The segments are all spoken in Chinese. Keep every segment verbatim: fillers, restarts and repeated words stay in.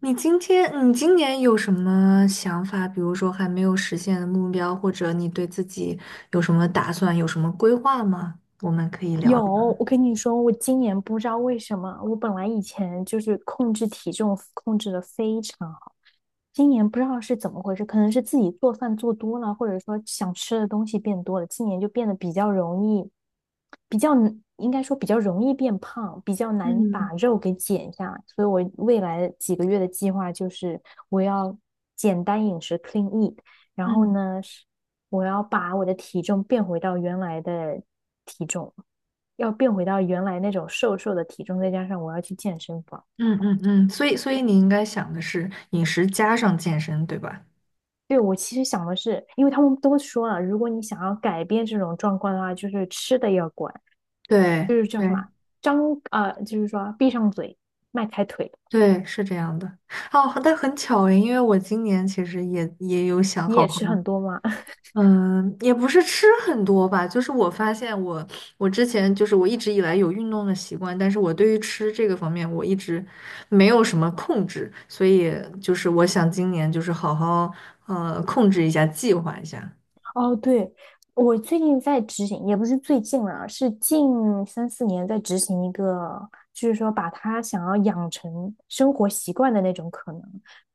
你今天，你今年有什么想法？比如说还没有实现的目标，或者你对自己有什么打算，有什么规划吗？我们可以聊有，聊。我跟你说，我今年不知道为什么，我本来以前就是控制体重控制的非常今年不知道是怎么回事，可能是自己做饭做多了，或者说想吃的东西变多了，今年就变得比较容易，比较难应该说比较容易变胖，比较难嗯把肉给减下来。所以我未来几个月的计划就是我要简单饮食 （clean eat），然后嗯，呢，是我要把我的体重变回到原来的体重，要变回到原来那种瘦瘦的体重，再加上我要去健身房。嗯嗯嗯，所以所以你应该想的是饮食加上健身，对吧？对，我其实想的是，因为他们都说了，如果你想要改变这种状况的话，就是吃的要管，就对是叫什对么，张，呃，就是说闭上嘴，迈开腿。对，是这样的。哦，但很巧诶，因为我今年其实也也有想你好也吃好很多吗？嗯，也不是吃很多吧，就是我发现我我之前就是我一直以来有运动的习惯，但是我对于吃这个方面我一直没有什么控制，所以就是我想今年就是好好呃控制一下，计划一下。哦，对，我最近在执行，也不是最近了，是近三四年在执行一个，就是说把他想要养成生活习惯的那种可能，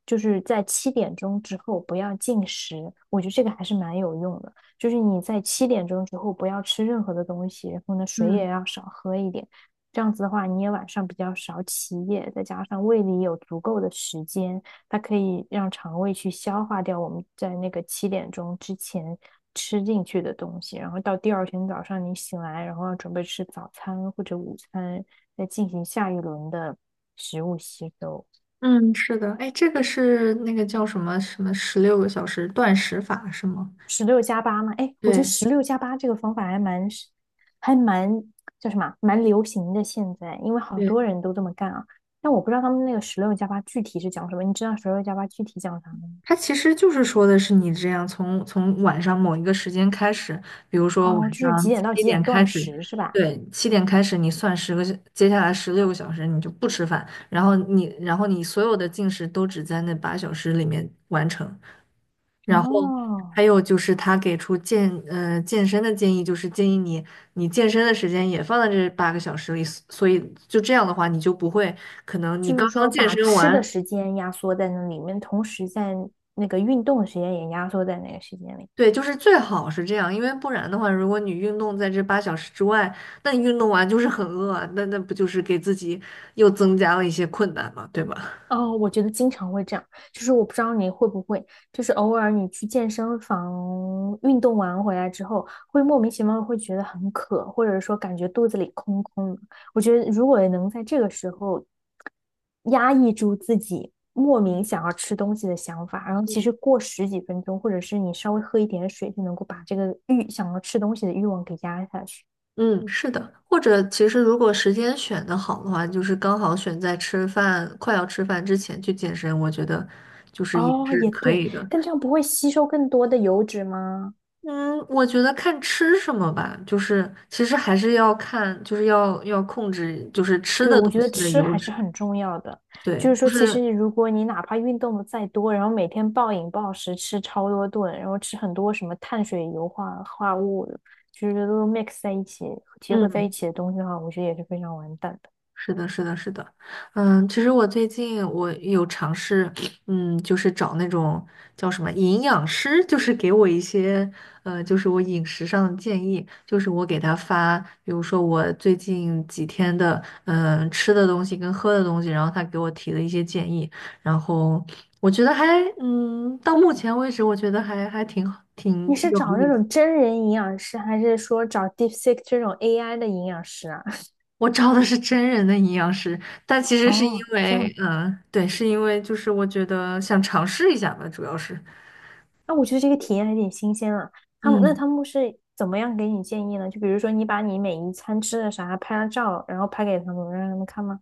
就是在七点钟之后不要进食，我觉得这个还是蛮有用的。就是你在七点钟之后不要吃任何的东西，然后呢水嗯也要少喝一点，这样子的话你也晚上比较少起夜，再加上胃里有足够的时间，它可以让肠胃去消化掉我们在那个七点钟之前吃进去的东西，然后到第二天早上你醒来，然后要准备吃早餐或者午餐，再进行下一轮的食物吸收。嗯，是的，哎，这个是那个叫什么什么十六个小时断食法是吗？十六加八嘛，哎，我觉得对。十六加八这个方法还蛮还蛮叫什么啊蛮流行的现在，因为好多人都这么干啊。但我不知道他们那个十六加八具体是讲什么，你知道十六加八具体讲啥吗？它其实就是说的是你这样从从晚上某一个时间开始，比如说哦，晚就是几上点到七几点点开断始，食是吧？对，七点开始你算十个小，接下来十六个小时你就不吃饭，然后你然后你所有的进食都只在那八小时里面完成。然后哦，还有就是他给出健呃健身的建议，就是建议你你健身的时间也放在这八个小时里，所以就这样的话你就不会可能你就刚是刚说健把身吃的完。时间压缩在那里面，同时在那个运动的时间也压缩在那个时间里。对，就是最好是这样，因为不然的话，如果你运动在这八小时之外，那你运动完就是很饿啊，那那不就是给自己又增加了一些困难嘛，对吧？哦，我觉得经常会这样，就是我不知道你会不会，就是偶尔你去健身房运动完回来之后，会莫名其妙会觉得很渴，或者说感觉肚子里空空的。我觉得如果能在这个时候压抑住自己莫名嗯想要吃东西的想法，然后其嗯实过十几分钟，或者是你稍微喝一点水，就能够把这个欲想要吃东西的欲望给压下去。嗯，是的，或者其实如果时间选的好的话，就是刚好选在吃饭，快要吃饭之前去健身，我觉得就是也哦，是也可对，以的。但这样不会吸收更多的油脂吗？嗯，我觉得看吃什么吧，就是其实还是要看，就是要要控制，就是吃对，的我东觉得西的吃油还是脂。很重要的。对，就是说，就其是实如果你哪怕运动的再多，然后每天暴饮暴食，吃超多顿，然后吃很多什么碳水、油化化物，就是都 mix 在一起，结合在一嗯。起的东西的话，我觉得也是非常完蛋的。是的，是的，是的，嗯，其实我最近我有尝试，嗯，就是找那种叫什么营养师，就是给我一些，呃，就是我饮食上的建议，就是我给他发，比如说我最近几天的，嗯，吃的东西跟喝的东西，然后他给我提了一些建议，然后我觉得还，嗯，到目前为止，我觉得还还挺好挺你挺是有找那意思。种真人营养师，还是说找 DeepSeek 这种 A I 的营养师啊？我招的是真人的营养师，但其 实是因哦，这为，样，嗯，对，是因为就是我觉得想尝试一下吧，主要是，那我觉得这个体验还挺新鲜啊。他们那嗯。他们是怎么样给你建议呢？就比如说，你把你每一餐吃的啥拍了照，然后拍给他们，让他们看吗？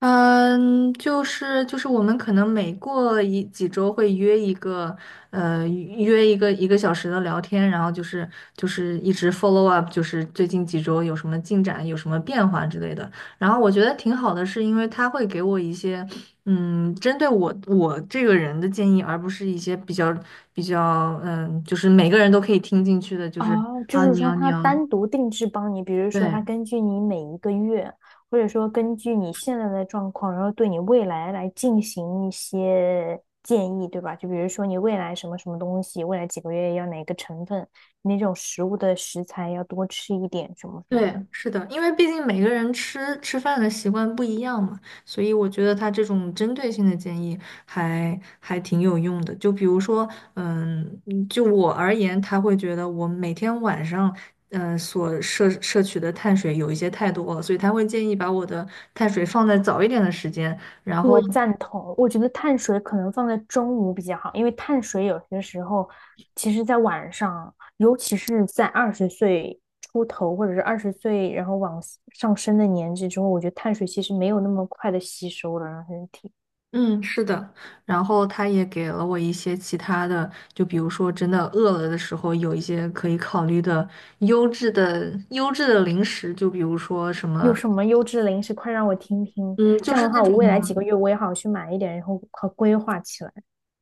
嗯，就是就是我们可能每过一几周会约一个，呃，约一个一个小时的聊天，然后就是就是一直 follow up，就是最近几周有什么进展，有什么变化之类的。然后我觉得挺好的，是因为他会给我一些，嗯，针对我我这个人的建议，而不是一些比较比较，嗯，就是每个人都可以听进去的，就是哦，就啊，是你说要你它要单独定制帮你，比如说对。它根据你每一个月，或者说根据你现在的状况，然后对你未来来进行一些建议，对吧？就比如说你未来什么什么东西，未来几个月要哪个成分，那种食物的食材要多吃一点，什么什么对，的。是的，因为毕竟每个人吃吃饭的习惯不一样嘛，所以我觉得他这种针对性的建议还还挺有用的。就比如说，嗯，嗯就我而言，他会觉得我每天晚上，呃，所摄摄取的碳水有一些太多了，所以他会建议把我的碳水放在早一点的时间，然我后。赞同，我觉得碳水可能放在中午比较好，因为碳水有些时候，其实在晚上，尤其是在二十岁出头或者是二十岁然后往上升的年纪之后，我觉得碳水其实没有那么快的吸收了，让身体。嗯，是的，然后他也给了我一些其他的，就比如说真的饿了的时候，有一些可以考虑的优质的优质的零食，就比如说什有么，什么优质的零食，快让我听听。嗯，这就样是的那话，我种未来几个月我也好去买一点，然后好规划起来。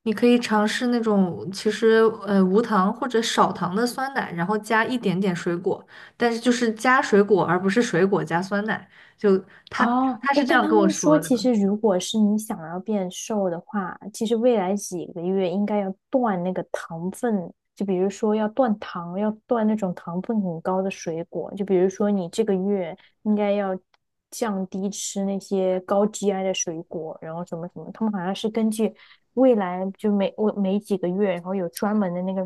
你可以尝试那种其实呃无糖或者少糖的酸奶，然后加一点点水果，但是就是加水果而不是水果加酸奶，就他哦，他是哎，这但样他跟我们说，说的。其实如果是你想要变瘦的话，其实未来几个月应该要断那个糖分，就比如说要断糖，要断那种糖分很高的水果，就比如说你这个月应该要降低吃那些高 G I 的水果，然后什么什么，他们好像是根据未来就每我每几个月，然后有专门的那个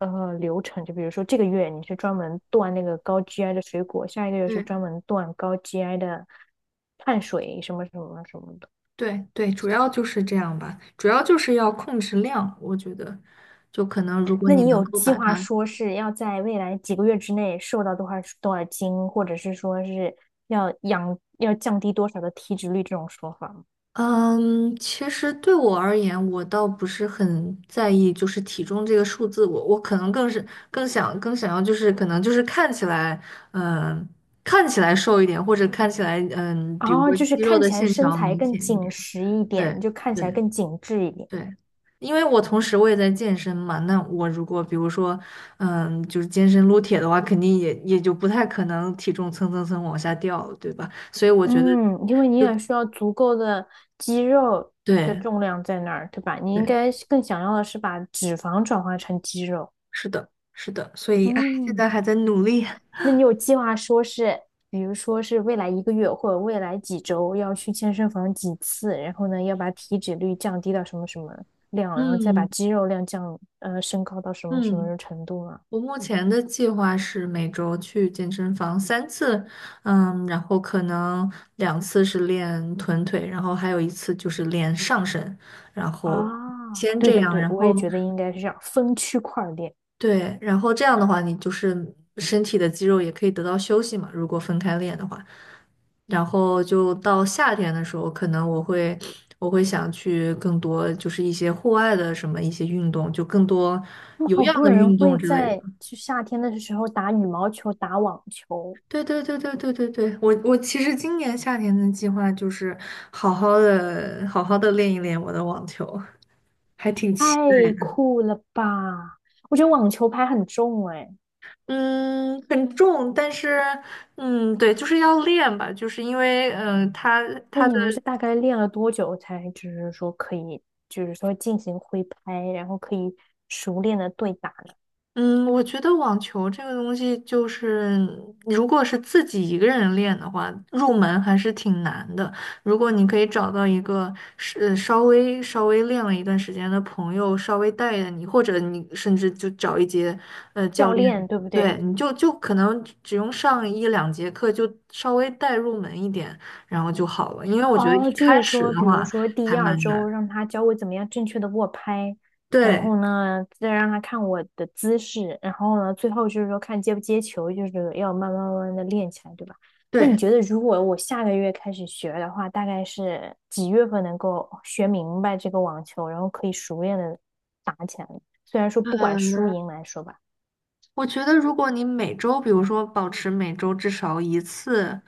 呃流程，就比如说这个月你是专门断那个高 G I 的水果，下一个月是嗯。专门断高 G I 的碳水什么什么什么的。对对，主要就是这样吧，主要就是要控制量，我觉得，就可能如果那你你能有够计把划它，说是要在未来几个月之内瘦到多少多少斤，或者是说是要养要降低多少的体脂率这种说法吗？嗯，其实对我而言，我倒不是很在意就是体重这个数字，我我可能更是更想更想要就是可能就是看起来，嗯，看起来瘦一点，或者看起来，嗯，比如哦，说就是肌肉看的起来线身条材明更显一紧点，实一点，对就看起来对。更紧致一点。对，因为我同时我也在健身嘛，那我如果比如说，嗯，就是健身撸铁的话，肯定也也就不太可能体重蹭蹭蹭往下掉，对吧？所以我觉得嗯，因为你就也需要足够的肌肉的对重量在那儿，对吧？你应对，该是更想要的是把脂肪转化成肌肉。是的，是的，所以哎，现嗯，在还在努力，那你有计划说是，比如说是未来一个月或者未来几周要去健身房几次，然后呢要把体脂率降低到什么什么量，然后再把嗯肌肉量降，呃，升高到什么什嗯，么程度吗？我目前的计划是每周去健身房三次，嗯，然后可能两次是练臀腿，然后还有一次就是练上身，然后啊，先对这对样，对，然我也后。觉得应该是这样，分区块儿练。对，然后这样的话，你就是身体的肌肉也可以得到休息嘛，如果分开练的话。然后就到夏天的时候，可能我会我会想去更多就是一些户外的什么一些运动，就更多那么有好氧多的人运动会之类的。在就夏天的时候打羽毛球、打网球，对对对对对对对，我我其实今年夏天的计划就是好好的好好的练一练我的网球，还挺期。太酷了吧！我觉得网球拍很重哎。嗯，很重，但是，嗯，对，就是要练吧，就是因为，嗯、他那他的你们是大概练了多久才，就是说可以，就是说进行挥拍，然后可以熟练的对打呢？嗯，我觉得网球这个东西，就是如果是自己一个人练的话，入门还是挺难的。如果你可以找到一个是呃稍微稍微练了一段时间的朋友，稍微带着你，或者你甚至就找一节呃教教练，练对不对？对，你就就可能只用上一两节课，就稍微带入门一点，然后就好了。因为我觉得一哦，就开是始说，的比如话说还第二蛮难。周让他教我怎么样正确的握拍，然对后呢，再让他看我的姿势，然后呢，最后就是说看接不接球，就是要慢慢慢慢的练起来，对吧？那你对。觉得如果我下个月开始学的话，大概是几月份能够学明白这个网球，然后可以熟练的打起来呢？虽然说不管嗯，输赢来说吧。我觉得，如果你每周，比如说保持每周至少一次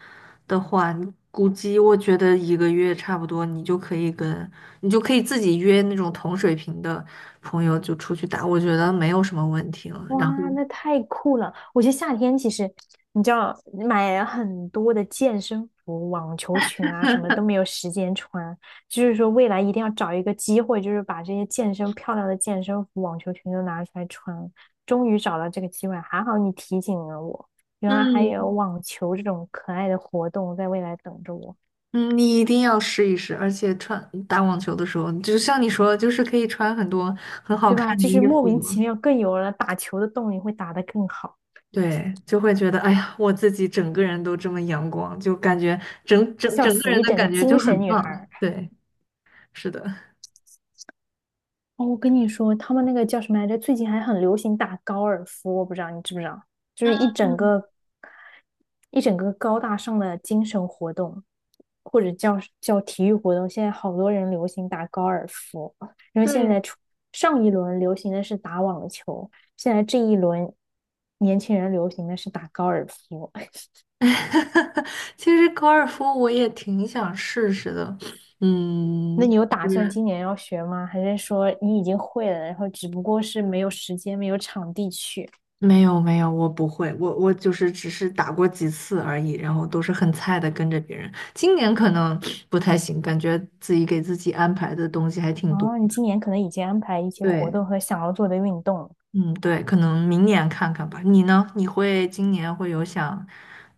的话，你估计我觉得一个月差不多，你就可以跟你就可以自己约那种同水平的朋友就出去打，我觉得没有什么问题了。然后，哇，那太酷了！我觉得夏天其实，你知道，买很多的健身服、网球裙啊，什么都没有时间穿。就是说，未来一定要找一个机会，就是把这些健身漂亮的健身服、网球裙都拿出来穿。终于找到这个机会，还好你提醒了我，原来还有嗯网球这种可爱的活动在未来等着我，嗯，你一定要试一试，而且穿打网球的时候，就像你说的，就是可以穿很多很好对吧？看的就是衣莫服名嘛。其妙更有了打球的动力，会打得更好，对，就会觉得，哎呀，我自己整个人都这么阳光，就感觉整整笑整个死人一的整个感觉就精神很女孩棒。儿。对。是的，哦，我跟你说，他们那个叫什么来着？最近还很流行打高尔夫，我不知道你知不知道，就是一整嗯，个一整个高大上的精神活动，或者叫叫体育活动。现在好多人流行打高尔夫，因为现对，在出上一轮流行的是打网球，现在这一轮年轻人流行的是打高尔夫。其实高尔夫我也挺想试试的，那嗯，你有打算是今年要学吗？还是说你已经会了，然后只不过是没有时间、没有场地去？没有没有，我不会，我我就是只是打过几次而已，然后都是很菜的跟着别人。今年可能不太行，感觉自己给自己安排的东西还挺多哦，你的。今年可能已经安排一些活对，动和想要做的运动，嗯，对，可能明年看看吧。你呢？你会今年会有想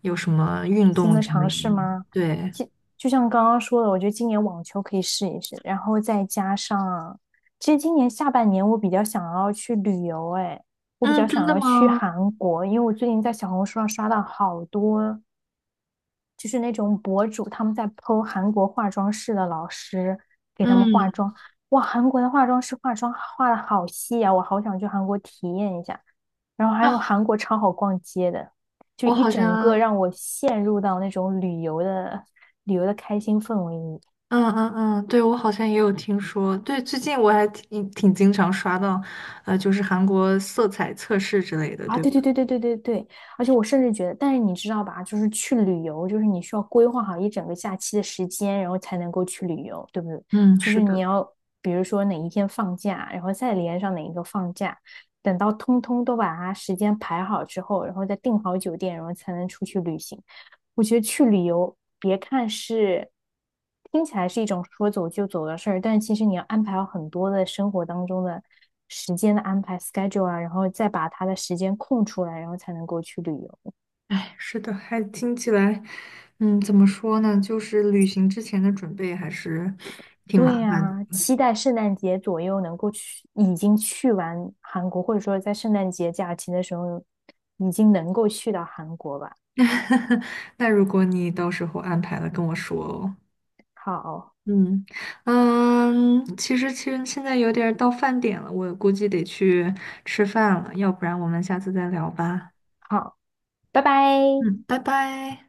有什么运新动的之类尝的试吗？吗？对，就就像刚刚说的，我觉得今年网球可以试一试，然后再加上，其实今年下半年我比较想要去旅游，哎，我比嗯，较真想的要去吗？韩国，因为我最近在小红书上刷到好多。就是那种博主他们在 p 韩国化妆室的老师给他们化嗯。妆，哇，韩国的化妆师化妆化的好细啊，我好想去韩国体验一下。然后还有啊。韩国超好逛街的，就我一好整个像，让我陷入到那种旅游的旅游的开心氛围里。嗯嗯嗯，对，我好像也有听说。对，最近我还挺挺经常刷到，呃，就是韩国色彩测试之类的，啊，对吧？对对对对对对对，而且我甚至觉得，但是你知道吧，就是去旅游，就是你需要规划好一整个假期的时间，然后才能够去旅游，对不对？嗯，就是是你的。要比如说哪一天放假，然后再连上哪一个放假，等到通通都把它时间排好之后，然后再订好酒店，然后才能出去旅行。我觉得去旅游，别看是听起来是一种说走就走的事儿，但其实你要安排好很多的生活当中的时间的安排 schedule 啊，然后再把它的时间空出来，然后才能够去旅游。哎，是的，还听起来，嗯，怎么说呢？就是旅行之前的准备还是挺对麻烦呀，的。期待圣诞节左右能够去，已经去完韩国，或者说在圣诞节假期的时候已经能够去到韩国吧。那如果你到时候安排了，跟我说哦。好，嗯嗯，其实其实现在有点儿到饭点了，我估计得去吃饭了，要不然我们下次再聊吧。好，拜拜。嗯，拜拜。